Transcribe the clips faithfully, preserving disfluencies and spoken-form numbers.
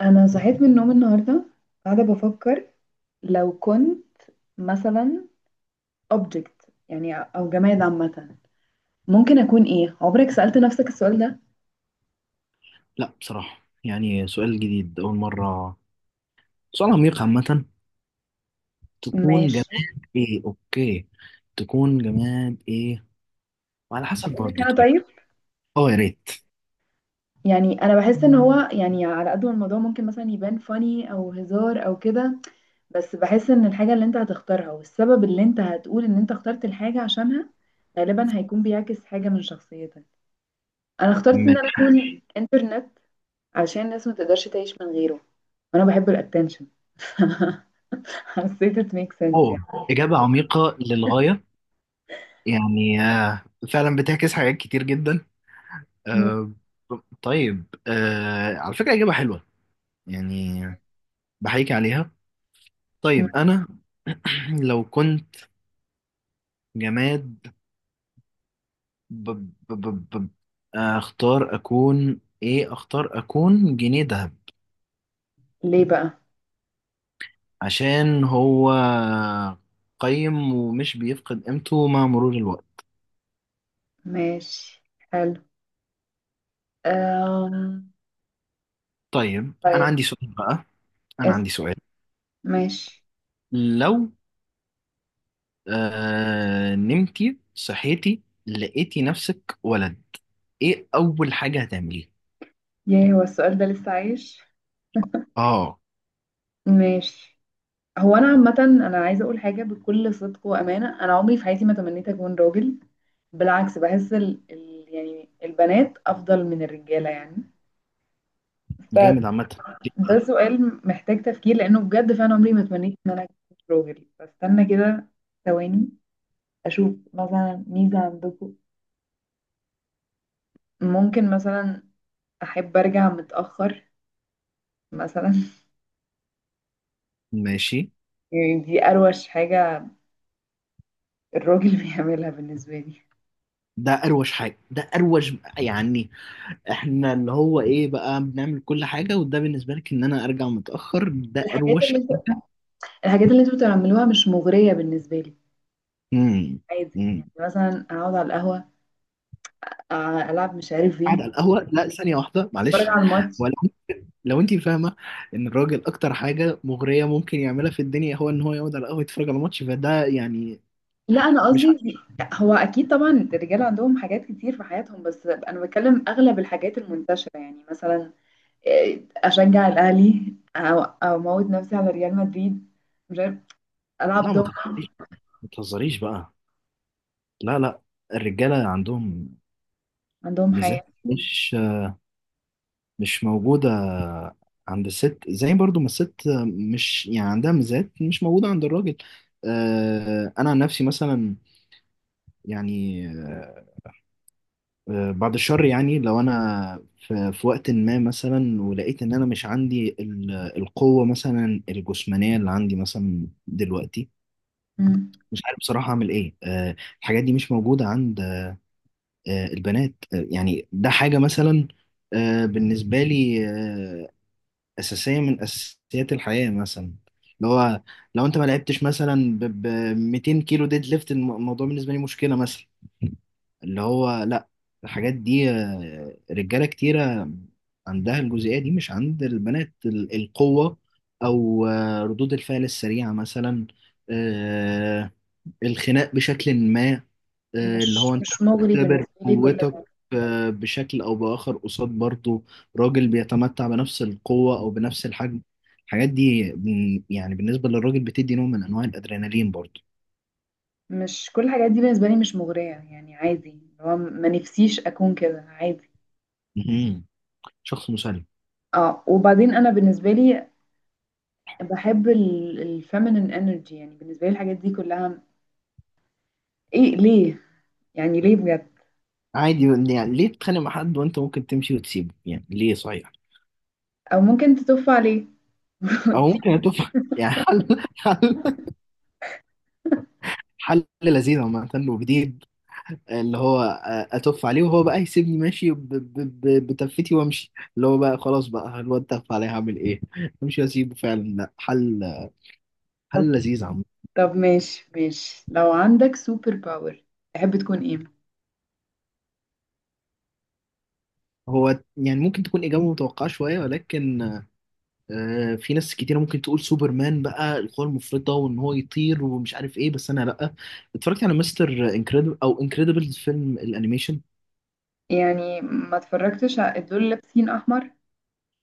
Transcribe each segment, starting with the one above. انا صحيت من النوم النهارده، قاعده بفكر لو كنت مثلا object، يعني او جماد عامه، ممكن اكون ايه؟ عمرك سألت نفسك السؤال ده؟ لا، بصراحة يعني سؤال جديد، أول مرة. سؤال عميق عامة. تكون جماد ماشي. إيه؟ أوكي، تكون جماد إيه؟ وعلى حسب اقول لك برضه. انا. طيب، طيب، أه يا ريت. يعني انا بحس ان هو، يعني، على قد ما الموضوع ممكن مثلا يبان فاني او هزار او كده، بس بحس ان الحاجه اللي انت هتختارها والسبب اللي انت هتقول ان انت اخترت الحاجه عشانها غالبا هيكون بيعكس حاجه من شخصيتك. انا اخترت ان انا ماشي، اكون انترنت عشان الناس ما تقدرش تعيش من غيره، وانا بحب الاتنشن. حسيت it makes sense أه يعني. إجابة عميقة للغاية. يعني آه، فعلا بتعكس حاجات كتير جدا. مم. آه، طيب آه، على فكرة إجابة حلوة يعني. بحيك عليها. مم. طيب أنا لو كنت جماد، بب بب بب. بب. اختار اكون ايه؟ اختار اكون جنيه ذهب، ليه بقى؟ عشان هو قيم ومش بيفقد قيمته مع مرور الوقت. ماشي. حلو. أم... طيب، انا طيب. عندي سؤال بقى. انا اسم. عندي سؤال. ماشي. لو آه نمتي صحيتي لقيتي نفسك ولد، ايه اول حاجة هتعمليها؟ ياه، هو السؤال ده لسه عايش؟ اه، ماشي. هو انا عامة، انا عايزة اقول حاجة بكل صدق وامانة، انا عمري في حياتي ما تمنيت اكون راجل. بالعكس، بحس ال... ال... يعني البنات افضل من الرجالة يعني. جامد عامة. ده سؤال محتاج تفكير لانه بجد فعلا عمري ما تمنيت ان انا اكون راجل. بستنى كده ثواني، اشوف مثلا ميزة عندكم، ممكن مثلا احب ارجع متأخر مثلا. ماشي، يعني دي اروش حاجة الراجل بيعملها بالنسبة لي. ده اروش حاجة؟ ده اروش يعني؟ احنا اللي هو ايه بقى بنعمل كل حاجة، وده بالنسبة لك ان انا ارجع متأخر ده الحاجات اروش اللي انتوا حاجة؟ الحاجات اللي انتوا بتعملوها مش مغرية بالنسبة لي. امم. عادي، يعني امم. مثلا اقعد على القهوة، أ- العب مش عارف ايه، قاعد على القهوة؟ لا ثانية واحدة اتفرج معلش. على الماتش. ولو، لو انت فاهمة ان الراجل اكتر حاجة مغرية ممكن يعملها في الدنيا هو ان هو يقعد على القهوة يتفرج على ماتش، فده يعني لا، انا مش ع- قصدي. دي- هو اكيد طبعا الرجال عندهم حاجات كتير في حياتهم، بس انا بتكلم اغلب الحاجات المنتشره، يعني مثلا، إيه، اشجع الاهلي او أو اموت نفسي على ريال مدريد، مش عارف، العب لا، ما دومنة، تهزريش بقى. ما تهزريش بقى. لا لا، الرجالة عندهم عندهم ميزات حياه. مش مش موجودة عند الست، زي برضو ما الست مش يعني عندها ميزات مش موجودة عند الراجل. آه، أنا عن نفسي مثلا، يعني آه، آه، بعد الشر، يعني لو أنا في في وقت ما مثلا ولقيت إن أنا مش عندي ال- القوة مثلا الجسمانية اللي عندي مثلا دلوقتي، مم. مش عارف بصراحة أعمل إيه. آه، الحاجات دي مش موجودة عند آه، البنات. آه، يعني ده حاجة مثلا، آه، بالنسبة لي آه، أساسية من أساسيات الحياة مثلا. اللي هو لو أنت ما لعبتش مثلا ب مائتين كيلو ديد ليفت، الم- الموضوع بالنسبة لي مشكلة مثلا. اللي هو لأ، الحاجات دي آه، رجالة كتيرة عندها الجزئية دي مش عند البنات. ال- القوة أو آه، ردود الفعل السريعة مثلا، آه، الخناق بشكل ما. آه، اللي مش هو انت مش مغري بتختبر بالنسبه لي كل قوتك ده. آه، بشكل او باخر، قصاد برضه راجل بيتمتع بنفس القوة او بنفس الحجم. الحاجات دي بن- يعني بالنسبة للراجل بتدي نوع من انواع الادرينالين برضه. مش كل الحاجات دي بالنسبه لي مش مغريه، يعني عادي، اللي هو ما نفسيش اكون كده، عادي. مهم. شخص مسالم. اه، وبعدين انا بالنسبه لي بحب الفيمينين انرجي، يعني بالنسبه لي الحاجات دي كلها ايه؟ ليه يعني؟ ليه بجد؟ عادي، يعني ليه تتخانق مع حد وانت ممكن تمشي وتسيبه؟ يعني ليه؟ صحيح، او ممكن تطف عليه او وتسيب. ممكن تفهم، يعني حل حل حل لذيذ عامة وجديد. اللي هو آه، اتف عليه وهو بقى يسيبني ماشي، ب- ب- ب- بتفتي وامشي، اللي هو بقى خلاص بقى الواد تف عليه هعمل ايه؟ امشي واسيبه فعلا. لا، حل. طب حل لذيذ عم. طب ماشي ماشي، لو عندك سوبر باور تحب تكون ايه؟ هو يعني ممكن تكون اجابه متوقعه شويه ولكن آه، في ناس كتيره ممكن تقول سوبرمان بقى، القوه المفرطه وان هو يطير ومش عارف ايه، بس انا لا. اتفرجت على مستر انكريدبل او انكريدبل، فيلم الانيميشن يعني ما اتفرجتش على دول لابسين احمر.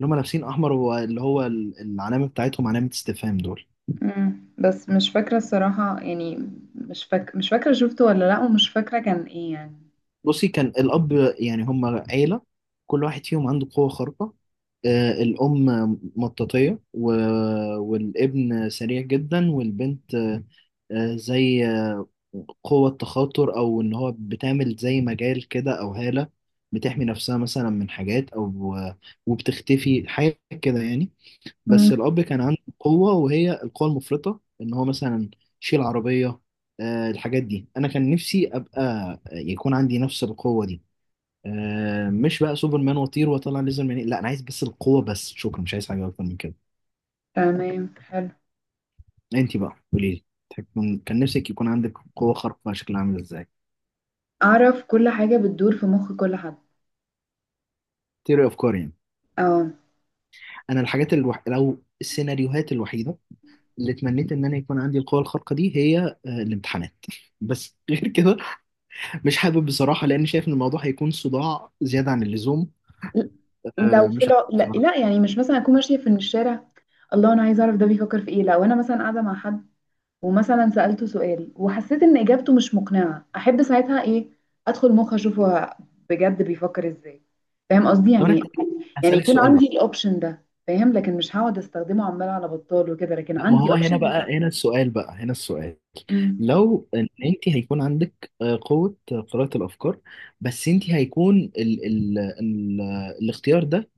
اللي هم لابسين احمر، واللي هو ال- العلامه بتاعتهم علامه استفهام، دول. مم. بس مش فاكره الصراحه يعني، مش فاك... مش فاكره شفته ولا لا، ومش فاكره كان ايه يعني. بصي، كان الأب، يعني هم عيلة كل واحد فيهم عنده قوة خارقة. آه، الأم مطاطية، و... والابن سريع جدا، والبنت آه، آه، زي آه، قوة تخاطر، أو إن هو بتعمل زي مجال كده أو هالة بتحمي نفسها مثلا من حاجات، أو آه، وبتختفي حاجة كده يعني. مم. بس الأب كان عنده قوة، وهي القوة المفرطة إن هو مثلا يشيل عربية. آه، الحاجات دي أنا كان نفسي أبقى يكون عندي نفس القوة دي. آه، مش بقى سوبرمان وطير واطلع ليزر منين، لا انا عايز بس القوه، بس شكرا، مش عايز حاجه اكتر من كده. تمام، حلو. انت بقى قولي لي، تكون- كان كان نفسك يكون عندك قوه خارقه شكلها عامل ازاي؟ اعرف كل حاجه بتدور في مخ كل حد. تيري افكار يعني. اه. انا الحاجات الوح... لو السيناريوهات الوحيده اللي اتمنيت ان انا يكون عندي القوه الخارقه دي هي آه، الامتحانات بس غير كده مش حابب بصراحه، لان شايف ان الموضوع هيكون صداع زياده عن اللزوم. ل- لو آه، في مش الع... عارف لا لا، بصراحه. يعني مش مثلا اكون ماشيه في الشارع. الله، انا عايزه اعرف ده بيفكر في ايه، لو انا مثلا قاعده مع حد ومثلا سألته سؤال وحسيت ان اجابته مش مقنعة، احب ساعتها ايه، ادخل مخ اشوف هو بجد بيفكر ازاي، فاهم قصدي طب انا يعني. هسالك يعني هسألك يكون سؤال عندي بقى. الاوبشن ده، فاهم، لكن مش هقعد استخدمه عمال على بطال وكده، لكن لا ما عندي هو اوبشن هنا ان انا. بقى، هنا السؤال بقى هنا السؤال. مم. لو ان انت هيكون عندك آه، قوة قراءة الافكار، بس انت هيكون ال ال ال الاختيار ده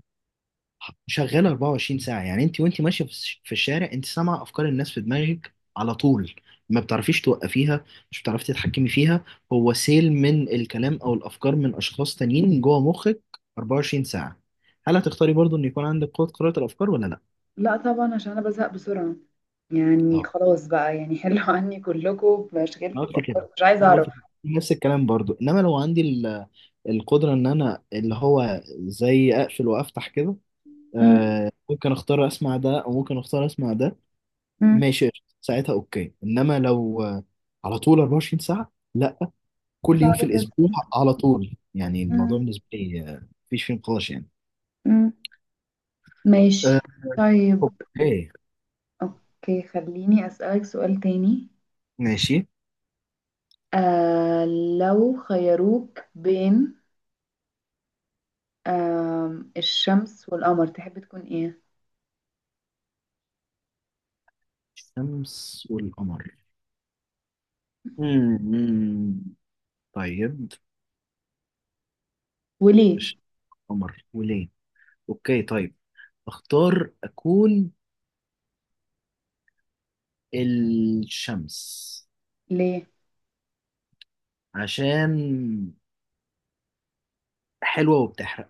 شغال أربعة وعشرين ساعة. يعني انت وانت ماشية في الش- في الشارع، انت سامعة افكار الناس في دماغك على طول، ما بتعرفيش توقفيها، مش بتعرفي تتحكمي فيها، هو سيل من الكلام او الافكار من اشخاص تانيين جوه مخك أربعة وعشرين ساعة. هل هتختاري برضو ان يكون عندك قوة قراءة الافكار ولا لا؟ لا طبعا، عشان انا بزهق بسرعة، يعني آه. خلاص بقى، يعني حلوا عني كلكم انا بمشاكلكم قلت كده بأفكاركم، مش عايزة انا قلت اعرف. كده. نفس الكلام برضو. انما لو عندي ال- القدره ان انا اللي هو زي اقفل وافتح كده، مم. آه ممكن اختار اسمع ده او ممكن اختار اسمع ده، مم. ماشي قشطة. ساعتها اوكي. انما لو آه، على طول أربعة وعشرين ساعه، لا. كل يوم في صعب جدا. الاسبوع على طول، يعني الموضوع مم. بالنسبه لي آه، مفيش فيه نقاش يعني. مم. آه. ماشي. طيب. اوكي. اوكي، خليني اسألك سؤال تاني. ماشي، آه لو خيروك بين آه الشمس والقمر، تحب تكون ايه الشمس والقمر. مم، مم. طيب، وليه؟ الشمس والقمر وليه؟ اوكي طيب. اختار اكون الشمس، ليه؟ عشان حلوة وبتحرق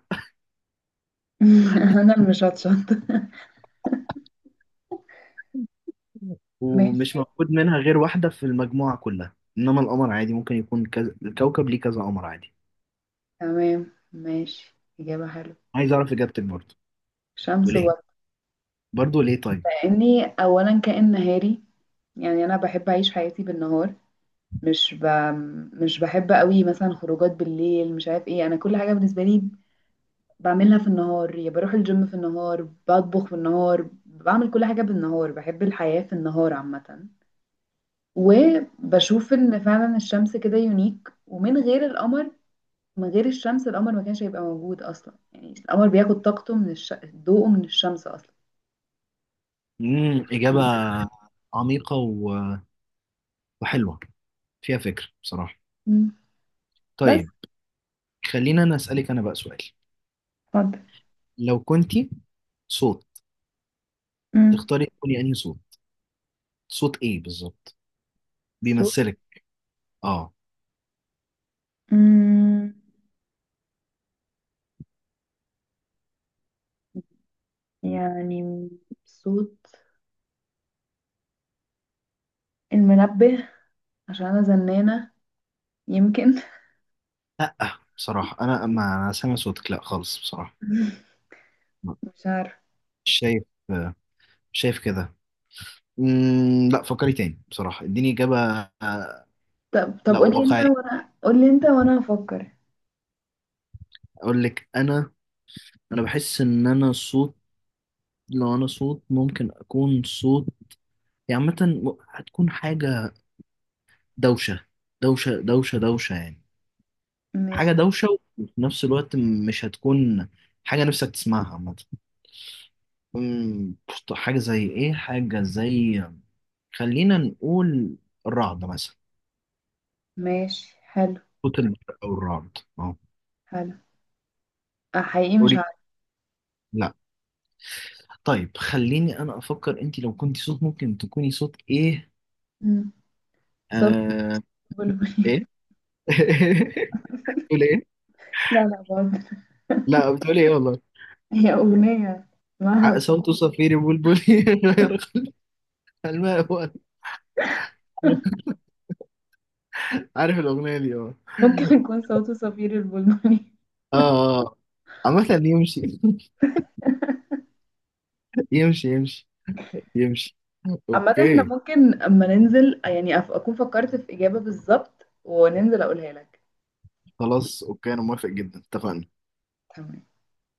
انا اللي مش هتشطر. ومش ماشي، موجود منها غير واحدة في المجموعة كلها، انما القمر عادي، ممكن يكون كذا الكوكب ليه كذا قمر عادي. تمام، ماشي، اجابة حلوة. عايز اعرف اجابتك برضه. شمس وليه؟ ولا؟ برضه ليه طيب؟ لاني اولا كائن نهاري، يعني انا بحب اعيش حياتي بالنهار، مش ب... مش بحب قوي مثلا خروجات بالليل، مش عارف ايه، انا كل حاجة بالنسبة لي بعملها في النهار، يا بروح الجيم في النهار، بطبخ في النهار، بعمل كل حاجة بالنهار، بحب الحياة في النهار عامة. وبشوف ان فعلا الشمس كده يونيك، ومن غير القمر، من غير الشمس القمر ما كانش هيبقى موجود اصلا، يعني القمر بياخد طاقته من الش... ضوءه من الشمس اصلا. امم، اجابة عميقة و- وحلوة، فيها فكر بصراحة. مم. بس. طيب، خلينا انا اسألك انا بقى سؤال. اتفضل. لو كنتي صوت، مم. تختاري تكوني انهي صوت؟ صوت ايه بالظبط صوت. بيمثلك؟ اه، مم. يعني صوت المنبه، عشان انا زنانة يمكن. لا بصراحة أنا ما أنا سامع صوتك لا خالص بصراحة. مش عارفة. مش شايف، مش شايف كده. مم، لا فكري تاني بصراحة اديني إجابة. آه، طب طب، لا قولي انت واقعية. وانا قولي انت وانا هفكر. أقول لك أنا، أنا بحس إن أنا صوت. لو أنا صوت ممكن أكون صوت يعني عامة، م- هتكون حاجة دوشة. دوشة دوشة دوشة يعني، حاجة ماشي دوشة. وفي نفس الوقت مش هتكون حاجة نفسك تسمعها عامة. مم، حاجة زي إيه؟ حاجة زي، خلينا نقول الرعد مثلا. ماشي، حلو صوت البرق أو الرعد، أه. حلو. آه، حقيقي مش قولي. عارفة. لا، طيب خليني أنا أفكر. أنت لو كنت صوت ممكن تكوني صوت إيه؟ مم. صوت آه... البلبل. إيه؟ بتقول إيه؟ لا لا برضه. لا، بتقول إيه والله؟ هي أغنية اسمها ع- ص- صوت صفير بلبلي غير الماء، هو عارف الأغنية دي؟ أه. ممكن يكون صوته صفير البلبلي. آه آه. عامة يمشي. يمشي يمشي يمشي. عامة احنا أوكي. ممكن أما ننزل، يعني، أف- أكون فكرت في إجابة بالظبط وننزل أقولها لك. خلاص أوكي. أنا موافق جدا، اتفقنا. تمام.